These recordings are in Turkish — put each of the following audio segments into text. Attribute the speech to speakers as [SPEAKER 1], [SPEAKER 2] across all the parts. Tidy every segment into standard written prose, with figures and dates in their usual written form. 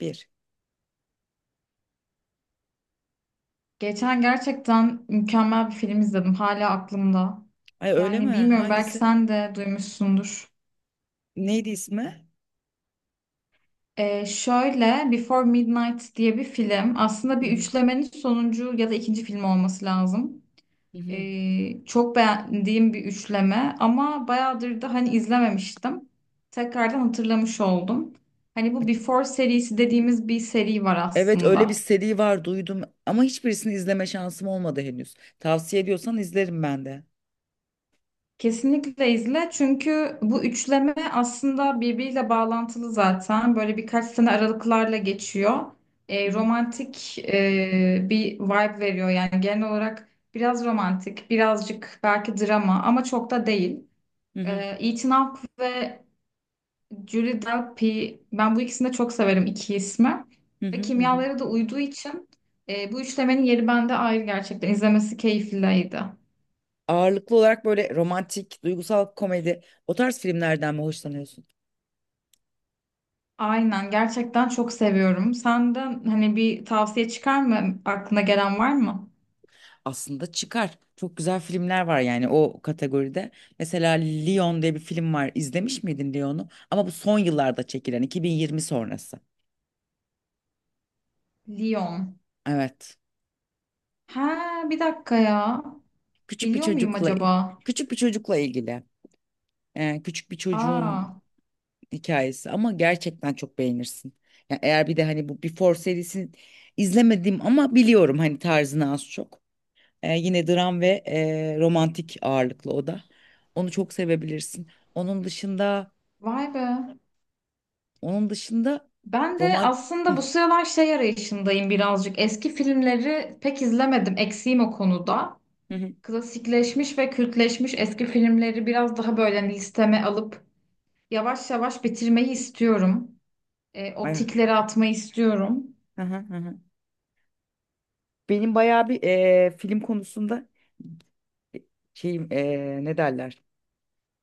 [SPEAKER 1] Bir.
[SPEAKER 2] Geçen gerçekten mükemmel bir film izledim. Hala aklımda.
[SPEAKER 1] Ay, öyle mi?
[SPEAKER 2] Yani bilmiyorum, belki
[SPEAKER 1] Hangisi?
[SPEAKER 2] sen de duymuşsundur.
[SPEAKER 1] Neydi ismi?
[SPEAKER 2] Şöyle Before Midnight diye bir film. Aslında
[SPEAKER 1] Hı
[SPEAKER 2] bir
[SPEAKER 1] hı.
[SPEAKER 2] üçlemenin sonuncu ya da ikinci film olması lazım.
[SPEAKER 1] Hı hı.
[SPEAKER 2] Çok beğendiğim bir üçleme ama bayağıdır da hani izlememiştim. Tekrardan hatırlamış oldum. Hani bu Before serisi dediğimiz bir seri var
[SPEAKER 1] Evet, öyle bir
[SPEAKER 2] aslında.
[SPEAKER 1] seri var, duydum ama hiçbirisini izleme şansım olmadı henüz. Tavsiye ediyorsan izlerim ben de.
[SPEAKER 2] Kesinlikle izle, çünkü bu üçleme aslında birbiriyle bağlantılı, zaten böyle birkaç sene aralıklarla geçiyor.
[SPEAKER 1] Hı
[SPEAKER 2] E,
[SPEAKER 1] hı.
[SPEAKER 2] romantik bir vibe veriyor yani genel olarak biraz romantik, birazcık belki drama ama çok da değil.
[SPEAKER 1] Hı
[SPEAKER 2] E,
[SPEAKER 1] hı.
[SPEAKER 2] Ethan Hawke ve Julie Delpy, ben bu ikisini de çok severim, iki ismi
[SPEAKER 1] Hı
[SPEAKER 2] ve
[SPEAKER 1] hı. Hı hı.
[SPEAKER 2] kimyaları da uyduğu için bu üçlemenin yeri bende ayrı, gerçekten izlemesi keyifliydi.
[SPEAKER 1] Ağırlıklı olarak böyle romantik, duygusal komedi o tarz filmlerden mi hoşlanıyorsun?
[SPEAKER 2] Aynen, gerçekten çok seviyorum. Senden hani bir tavsiye çıkar mı? Aklına gelen var mı?
[SPEAKER 1] Aslında çıkar. Çok güzel filmler var yani o kategoride. Mesela Leon diye bir film var. İzlemiş miydin Leon'u? Ama bu son yıllarda çekilen 2020 sonrası.
[SPEAKER 2] Lyon.
[SPEAKER 1] Evet.
[SPEAKER 2] Ha, bir dakika ya.
[SPEAKER 1] küçük bir
[SPEAKER 2] Biliyor muyum
[SPEAKER 1] çocukla
[SPEAKER 2] acaba?
[SPEAKER 1] küçük bir çocukla ilgili küçük bir çocuğun
[SPEAKER 2] Aa,
[SPEAKER 1] hikayesi ama gerçekten çok beğenirsin. Yani eğer bir de hani bu Before serisini izlemedim ama biliyorum hani tarzını az çok. Yine dram ve romantik ağırlıklı o da. Onu çok sevebilirsin. Onun dışında
[SPEAKER 2] vay be.
[SPEAKER 1] onun dışında
[SPEAKER 2] Ben de
[SPEAKER 1] roman Hı,
[SPEAKER 2] aslında bu sıralar şey arayışındayım birazcık. Eski filmleri pek izlemedim. Eksiğim o konuda.
[SPEAKER 1] hı, hı.
[SPEAKER 2] Klasikleşmiş ve kültleşmiş eski filmleri biraz daha böyle hani, listeme alıp yavaş yavaş bitirmeyi istiyorum. E, o
[SPEAKER 1] Ay,
[SPEAKER 2] tikleri atmayı istiyorum.
[SPEAKER 1] hı, hı, hı, hı. Benim bayağı bir film konusunda şeyim, ne derler?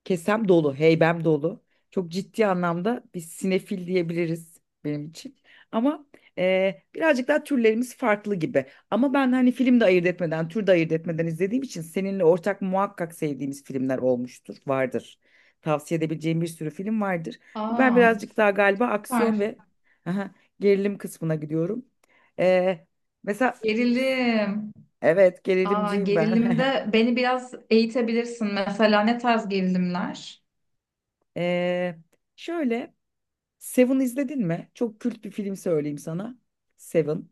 [SPEAKER 1] Kesem dolu, heybem dolu. Çok ciddi anlamda bir sinefil diyebiliriz benim için. Ama birazcık daha türlerimiz farklı gibi. Ama ben hani film de ayırt etmeden, tür de ayırt etmeden izlediğim için seninle ortak muhakkak sevdiğimiz filmler olmuştur, vardır. Tavsiye edebileceğim bir sürü film vardır. Ben
[SPEAKER 2] Aa,
[SPEAKER 1] birazcık daha galiba
[SPEAKER 2] süper.
[SPEAKER 1] aksiyon ve aha, gerilim kısmına gidiyorum. E, Mesela,
[SPEAKER 2] Gerilim.
[SPEAKER 1] evet,
[SPEAKER 2] Aa,
[SPEAKER 1] gerilimciyim ben.
[SPEAKER 2] gerilimde beni biraz eğitebilirsin. Mesela ne tarz gerilimler?
[SPEAKER 1] E, Şöyle. Seven izledin mi? Çok kült bir film söyleyeyim sana. Seven.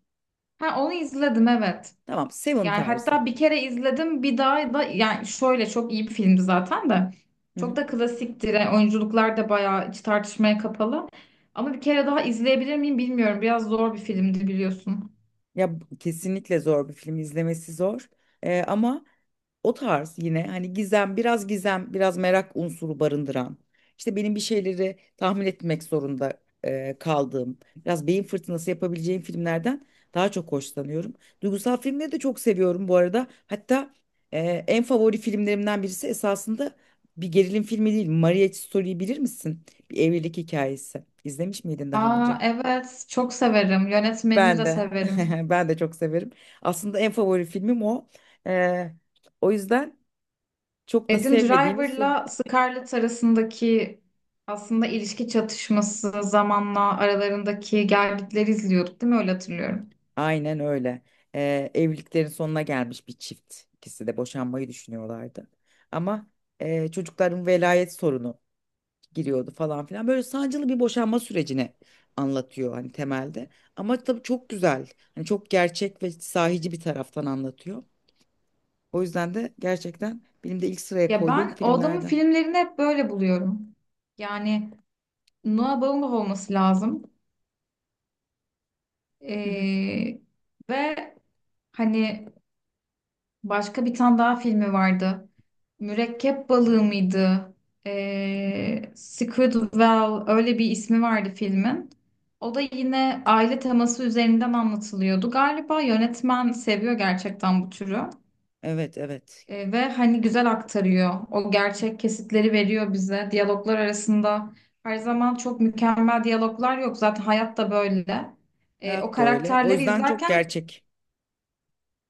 [SPEAKER 2] Ha, onu izledim, evet.
[SPEAKER 1] Tamam, Seven
[SPEAKER 2] Yani
[SPEAKER 1] tarzı.
[SPEAKER 2] hatta bir kere izledim, bir daha da yani şöyle, çok iyi bir filmdi zaten de.
[SPEAKER 1] Hı
[SPEAKER 2] Çok
[SPEAKER 1] hı.
[SPEAKER 2] da klasiktir. Yani oyunculuklar da bayağı hiç tartışmaya kapalı. Ama bir kere daha izleyebilir miyim bilmiyorum. Biraz zor bir filmdi, biliyorsun.
[SPEAKER 1] Ya bu- kesinlikle zor bir film, izlemesi zor. Ama o tarz yine hani gizem, biraz gizem, biraz merak unsuru barındıran, işte benim bir şeyleri tahmin etmek zorunda kaldığım, biraz beyin fırtınası yapabileceğim filmlerden daha çok hoşlanıyorum. Duygusal filmleri de çok seviyorum bu arada. Hatta e, en favori filmlerimden birisi esasında bir gerilim filmi değil. Marriage Story'yi bilir misin? Bir evlilik hikayesi. İzlemiş miydin daha
[SPEAKER 2] Aa,
[SPEAKER 1] önce?
[SPEAKER 2] evet çok severim. Yönetmenini
[SPEAKER 1] Ben
[SPEAKER 2] de
[SPEAKER 1] de.
[SPEAKER 2] severim.
[SPEAKER 1] Ben de çok severim. Aslında en favori filmim o. E, o yüzden. Çok da
[SPEAKER 2] Adam
[SPEAKER 1] sevmediğimiz.
[SPEAKER 2] Driver'la Scarlett arasındaki aslında ilişki çatışması, zamanla aralarındaki gelgitleri izliyorduk, değil mi? Öyle hatırlıyorum.
[SPEAKER 1] Aynen öyle. Evliliklerin sonuna gelmiş bir çift. İkisi de boşanmayı düşünüyorlardı. Ama çocukların velayet sorunu giriyordu falan filan. Böyle sancılı bir boşanma sürecini anlatıyor hani temelde. Ama tabii çok güzel. Hani çok gerçek ve sahici bir taraftan anlatıyor. O yüzden de gerçekten benim de ilk sıraya
[SPEAKER 2] Ya
[SPEAKER 1] koyduğum
[SPEAKER 2] ben o adamın
[SPEAKER 1] filmlerden.
[SPEAKER 2] filmlerini hep böyle buluyorum. Yani Noah Baumbach olması lazım.
[SPEAKER 1] Hı hı.
[SPEAKER 2] Ee, Ve hani başka bir tane daha filmi vardı. Mürekkep balığı mıydı? Squid Well, öyle bir ismi vardı filmin. O da yine aile teması üzerinden anlatılıyordu. Galiba yönetmen seviyor gerçekten bu türü.
[SPEAKER 1] Evet, evet.
[SPEAKER 2] Ve hani güzel aktarıyor. O gerçek kesitleri veriyor bize. Diyaloglar arasında her zaman çok mükemmel diyaloglar yok. Zaten hayat da böyle. O
[SPEAKER 1] Hayat da öyle. O
[SPEAKER 2] karakterleri
[SPEAKER 1] yüzden çok
[SPEAKER 2] izlerken
[SPEAKER 1] gerçek.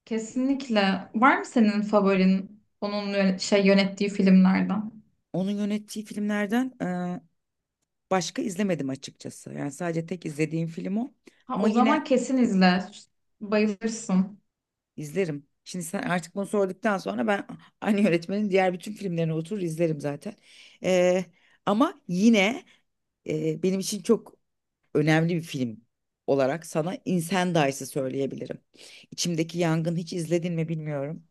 [SPEAKER 2] kesinlikle. Var mı senin favorin, şey yönettiği filmlerden?
[SPEAKER 1] Onun yönettiği filmlerden başka izlemedim açıkçası. Yani sadece tek izlediğim film o.
[SPEAKER 2] Ha,
[SPEAKER 1] Ama
[SPEAKER 2] o zaman
[SPEAKER 1] yine
[SPEAKER 2] kesin izle. Bayılırsın.
[SPEAKER 1] izlerim. Şimdi sen artık bunu sorduktan sonra ben aynı yönetmenin diğer bütün filmlerini oturur izlerim zaten. Ee, Ama yine benim için çok önemli bir film olarak sana Incendies'ı söyleyebilirim. İçimdeki Yangın, hiç izledin mi bilmiyorum.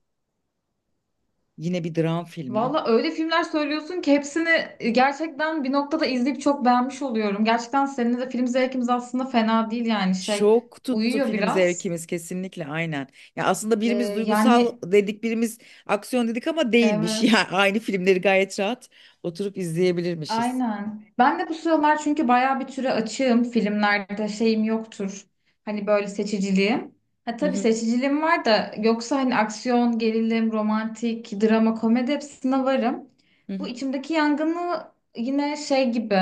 [SPEAKER 1] Yine bir dram filmi.
[SPEAKER 2] Valla öyle filmler söylüyorsun ki hepsini gerçekten bir noktada izleyip çok beğenmiş oluyorum. Gerçekten seninle de film zevkimiz aslında fena değil, yani şey,
[SPEAKER 1] Çok tuttu
[SPEAKER 2] uyuyor
[SPEAKER 1] film
[SPEAKER 2] biraz.
[SPEAKER 1] zevkimiz, kesinlikle, aynen. Ya aslında birimiz
[SPEAKER 2] Ee,
[SPEAKER 1] duygusal
[SPEAKER 2] Yani
[SPEAKER 1] dedik, birimiz aksiyon dedik ama değilmiş.
[SPEAKER 2] evet.
[SPEAKER 1] Yani aynı filmleri gayet rahat oturup izleyebilirmişiz.
[SPEAKER 2] Aynen. Ben de bu sıralar çünkü bayağı bir türe açığım. Filmlerde şeyim yoktur. Hani böyle seçiciliğim. Ha,
[SPEAKER 1] Hı
[SPEAKER 2] tabii
[SPEAKER 1] hı,
[SPEAKER 2] seçiciliğim var, da yoksa hani aksiyon, gerilim, romantik, drama, komedi, hepsine varım.
[SPEAKER 1] hı
[SPEAKER 2] Bu
[SPEAKER 1] hı.
[SPEAKER 2] içimdeki yangını yine şey gibi,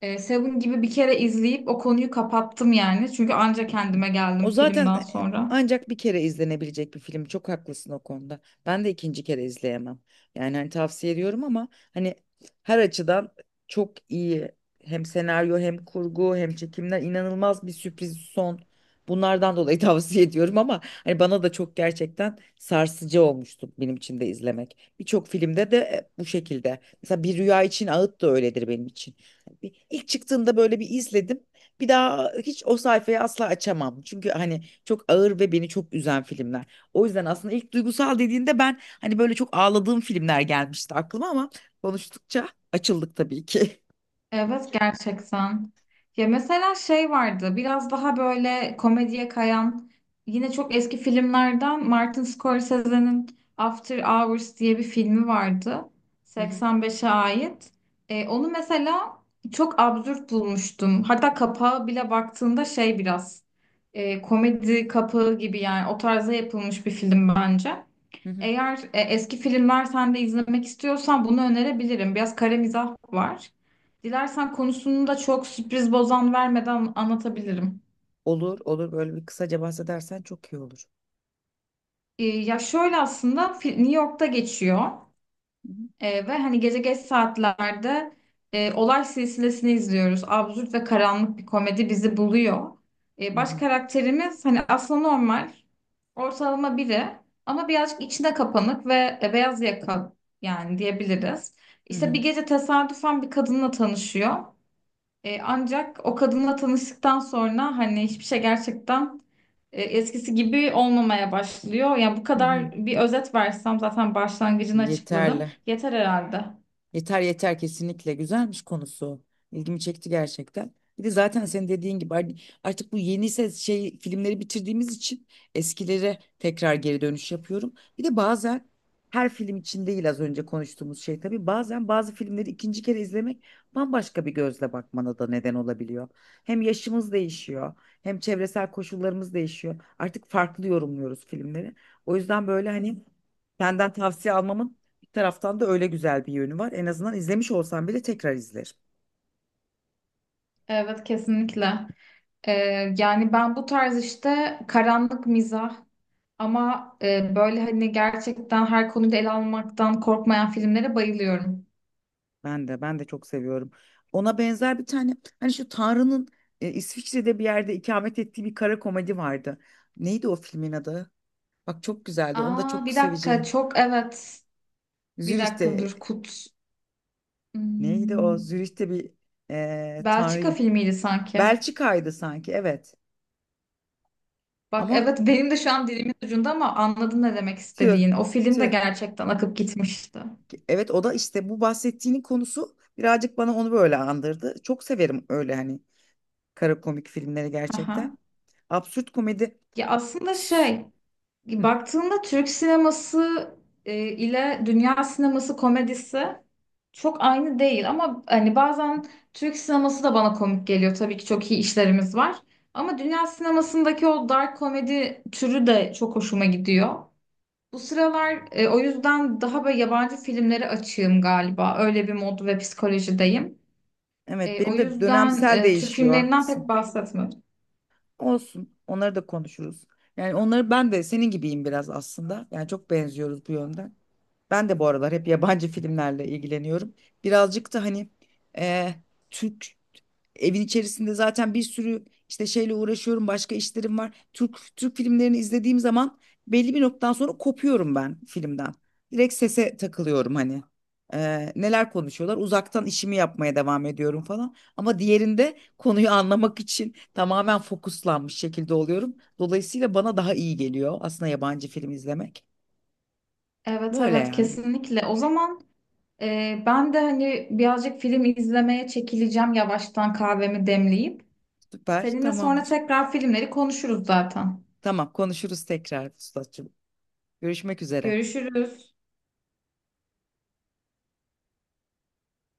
[SPEAKER 2] Seven gibi bir kere izleyip o konuyu kapattım yani. Çünkü anca kendime
[SPEAKER 1] O
[SPEAKER 2] geldim
[SPEAKER 1] zaten
[SPEAKER 2] filmden sonra.
[SPEAKER 1] ancak bir kere izlenebilecek bir film. Çok haklısın o konuda. Ben de ikinci kere izleyemem. Yani hani tavsiye ediyorum ama hani her açıdan çok iyi. Hem senaryo hem kurgu hem çekimler, inanılmaz bir sürpriz son. Bunlardan dolayı tavsiye ediyorum ama hani bana da çok gerçekten sarsıcı olmuştu, benim için de izlemek. Birçok filmde de bu şekilde. Mesela Bir Rüya için Ağıt da öyledir benim için. Hani, İlk çıktığında böyle bir izledim. Bir daha hiç o sayfayı asla açamam. Çünkü hani çok ağır ve beni çok üzen filmler. O yüzden aslında ilk duygusal dediğinde ben hani böyle çok ağladığım filmler gelmişti aklıma ama konuştukça açıldık tabii ki.
[SPEAKER 2] Evet, gerçekten. Ya mesela şey vardı biraz daha böyle komediye kayan, yine çok eski filmlerden, Martin Scorsese'nin After Hours diye bir filmi vardı.
[SPEAKER 1] Hı hı,
[SPEAKER 2] 85'e ait. Onu mesela çok absürt bulmuştum. Hatta kapağı bile baktığında şey biraz, komedi kapağı gibi yani, o tarza yapılmış bir film bence.
[SPEAKER 1] hı hı.
[SPEAKER 2] Eğer eski filmler sen de izlemek istiyorsan bunu önerebilirim. Biraz kare mizah var. Dilersen konusunu da çok sürpriz bozan vermeden anlatabilirim.
[SPEAKER 1] Olur, olur. Böyle bir kısaca bahsedersen çok iyi olur.
[SPEAKER 2] Ya şöyle aslında New York'ta geçiyor.
[SPEAKER 1] Hı
[SPEAKER 2] Ve hani gece geç saatlerde olay silsilesini izliyoruz. Absürt ve karanlık bir komedi bizi buluyor.
[SPEAKER 1] hı, hı
[SPEAKER 2] Baş
[SPEAKER 1] hı,
[SPEAKER 2] karakterimiz hani aslında normal, ortalama biri ama birazcık içine kapanık ve beyaz yaka yani diyebiliriz.
[SPEAKER 1] hı
[SPEAKER 2] İşte
[SPEAKER 1] hı,
[SPEAKER 2] bir gece tesadüfen bir kadınla tanışıyor. Ancak o kadınla tanıştıktan sonra hani hiçbir şey gerçekten eskisi gibi olmamaya başlıyor. Yani bu
[SPEAKER 1] hı hı.
[SPEAKER 2] kadar bir özet versem zaten başlangıcını açıkladım.
[SPEAKER 1] Yeterli.
[SPEAKER 2] Yeter herhalde.
[SPEAKER 1] Yeter, yeter, kesinlikle güzelmiş konusu. İlgimi çekti gerçekten. Bir de zaten senin dediğin gibi hani artık bu yeni ses şey filmleri bitirdiğimiz için eskilere tekrar geri dönüş yapıyorum. Bir de bazen her film için değil, az önce konuştuğumuz şey, tabii bazen bazı filmleri ikinci kere izlemek bambaşka bir gözle bakmana da neden olabiliyor. Hem yaşımız değişiyor, hem çevresel koşullarımız değişiyor. Artık farklı yorumluyoruz filmleri. O yüzden böyle hani senden tavsiye almamın taraftan da öyle güzel bir yönü var. En azından izlemiş olsam bile tekrar izlerim.
[SPEAKER 2] Evet, kesinlikle. E, Yani ben bu tarz işte karanlık mizah ama böyle hani gerçekten her konuyu da ele almaktan korkmayan filmlere bayılıyorum.
[SPEAKER 1] Ben de çok seviyorum. Ona benzer bir tane hani şu Tanrı'nın İsviçre'de bir yerde ikamet ettiği bir kara komedi vardı. Neydi o filmin adı? Bak, çok güzeldi. Onu da
[SPEAKER 2] Aa,
[SPEAKER 1] çok
[SPEAKER 2] bir dakika,
[SPEAKER 1] seveceğin.
[SPEAKER 2] çok evet. Bir dakika,
[SPEAKER 1] Zürih'te
[SPEAKER 2] dur Kut.
[SPEAKER 1] neydi o?
[SPEAKER 2] Hmm,
[SPEAKER 1] Zürih'te bir
[SPEAKER 2] Belçika
[SPEAKER 1] Tanrı'yı.
[SPEAKER 2] filmiydi sanki.
[SPEAKER 1] Belçika'ydı sanki, evet.
[SPEAKER 2] Bak
[SPEAKER 1] Ama
[SPEAKER 2] evet, benim de şu an dilimin ucunda ama anladın ne demek
[SPEAKER 1] tüh,
[SPEAKER 2] istediğin. O film de
[SPEAKER 1] tüh.
[SPEAKER 2] gerçekten akıp gitmişti.
[SPEAKER 1] Evet, o da işte bu bahsettiğinin konusu birazcık bana onu böyle andırdı. Çok severim öyle hani kara komik filmleri
[SPEAKER 2] Aha.
[SPEAKER 1] gerçekten. Absürt komedi.
[SPEAKER 2] Ya aslında
[SPEAKER 1] S-
[SPEAKER 2] şey,
[SPEAKER 1] Hı.
[SPEAKER 2] baktığında Türk sineması ile dünya sineması komedisi çok aynı değil ama hani bazen Türk sineması da bana komik geliyor. Tabii ki çok iyi işlerimiz var. Ama dünya sinemasındaki o dark komedi türü de çok hoşuma gidiyor. Bu sıralar o yüzden daha böyle yabancı filmleri açığım galiba. Öyle bir mod ve psikolojideyim.
[SPEAKER 1] Evet,
[SPEAKER 2] O
[SPEAKER 1] benim de
[SPEAKER 2] yüzden
[SPEAKER 1] dönemsel
[SPEAKER 2] Türk
[SPEAKER 1] değişiyor.
[SPEAKER 2] filmlerinden pek
[SPEAKER 1] Haklısın.
[SPEAKER 2] bahsetmedim.
[SPEAKER 1] Olsun. Onları da konuşuruz. Yani onları ben de senin gibiyim biraz aslında. Yani çok benziyoruz bu yönden. Ben de bu aralar hep yabancı filmlerle ilgileniyorum. Birazcık da hani eh, Türk evin içerisinde zaten bir sürü işte şeyle uğraşıyorum, başka işlerim var. Türk filmlerini izlediğim zaman belli bir noktadan sonra kopuyorum ben filmden. Direkt sese takılıyorum hani. Neler konuşuyorlar? Uzaktan işimi yapmaya devam ediyorum falan. Ama diğerinde konuyu anlamak için tamamen fokuslanmış şekilde oluyorum. Dolayısıyla bana daha iyi geliyor aslında yabancı film izlemek.
[SPEAKER 2] Evet
[SPEAKER 1] Böyle
[SPEAKER 2] evet,
[SPEAKER 1] yani.
[SPEAKER 2] kesinlikle. O zaman ben de hani birazcık film izlemeye çekileceğim yavaştan, kahvemi demleyip.
[SPEAKER 1] Süper,
[SPEAKER 2] Seninle sonra
[SPEAKER 1] tamamdır.
[SPEAKER 2] tekrar filmleri konuşuruz zaten.
[SPEAKER 1] Tamam, konuşuruz tekrar ustacığım. Görüşmek üzere.
[SPEAKER 2] Görüşürüz.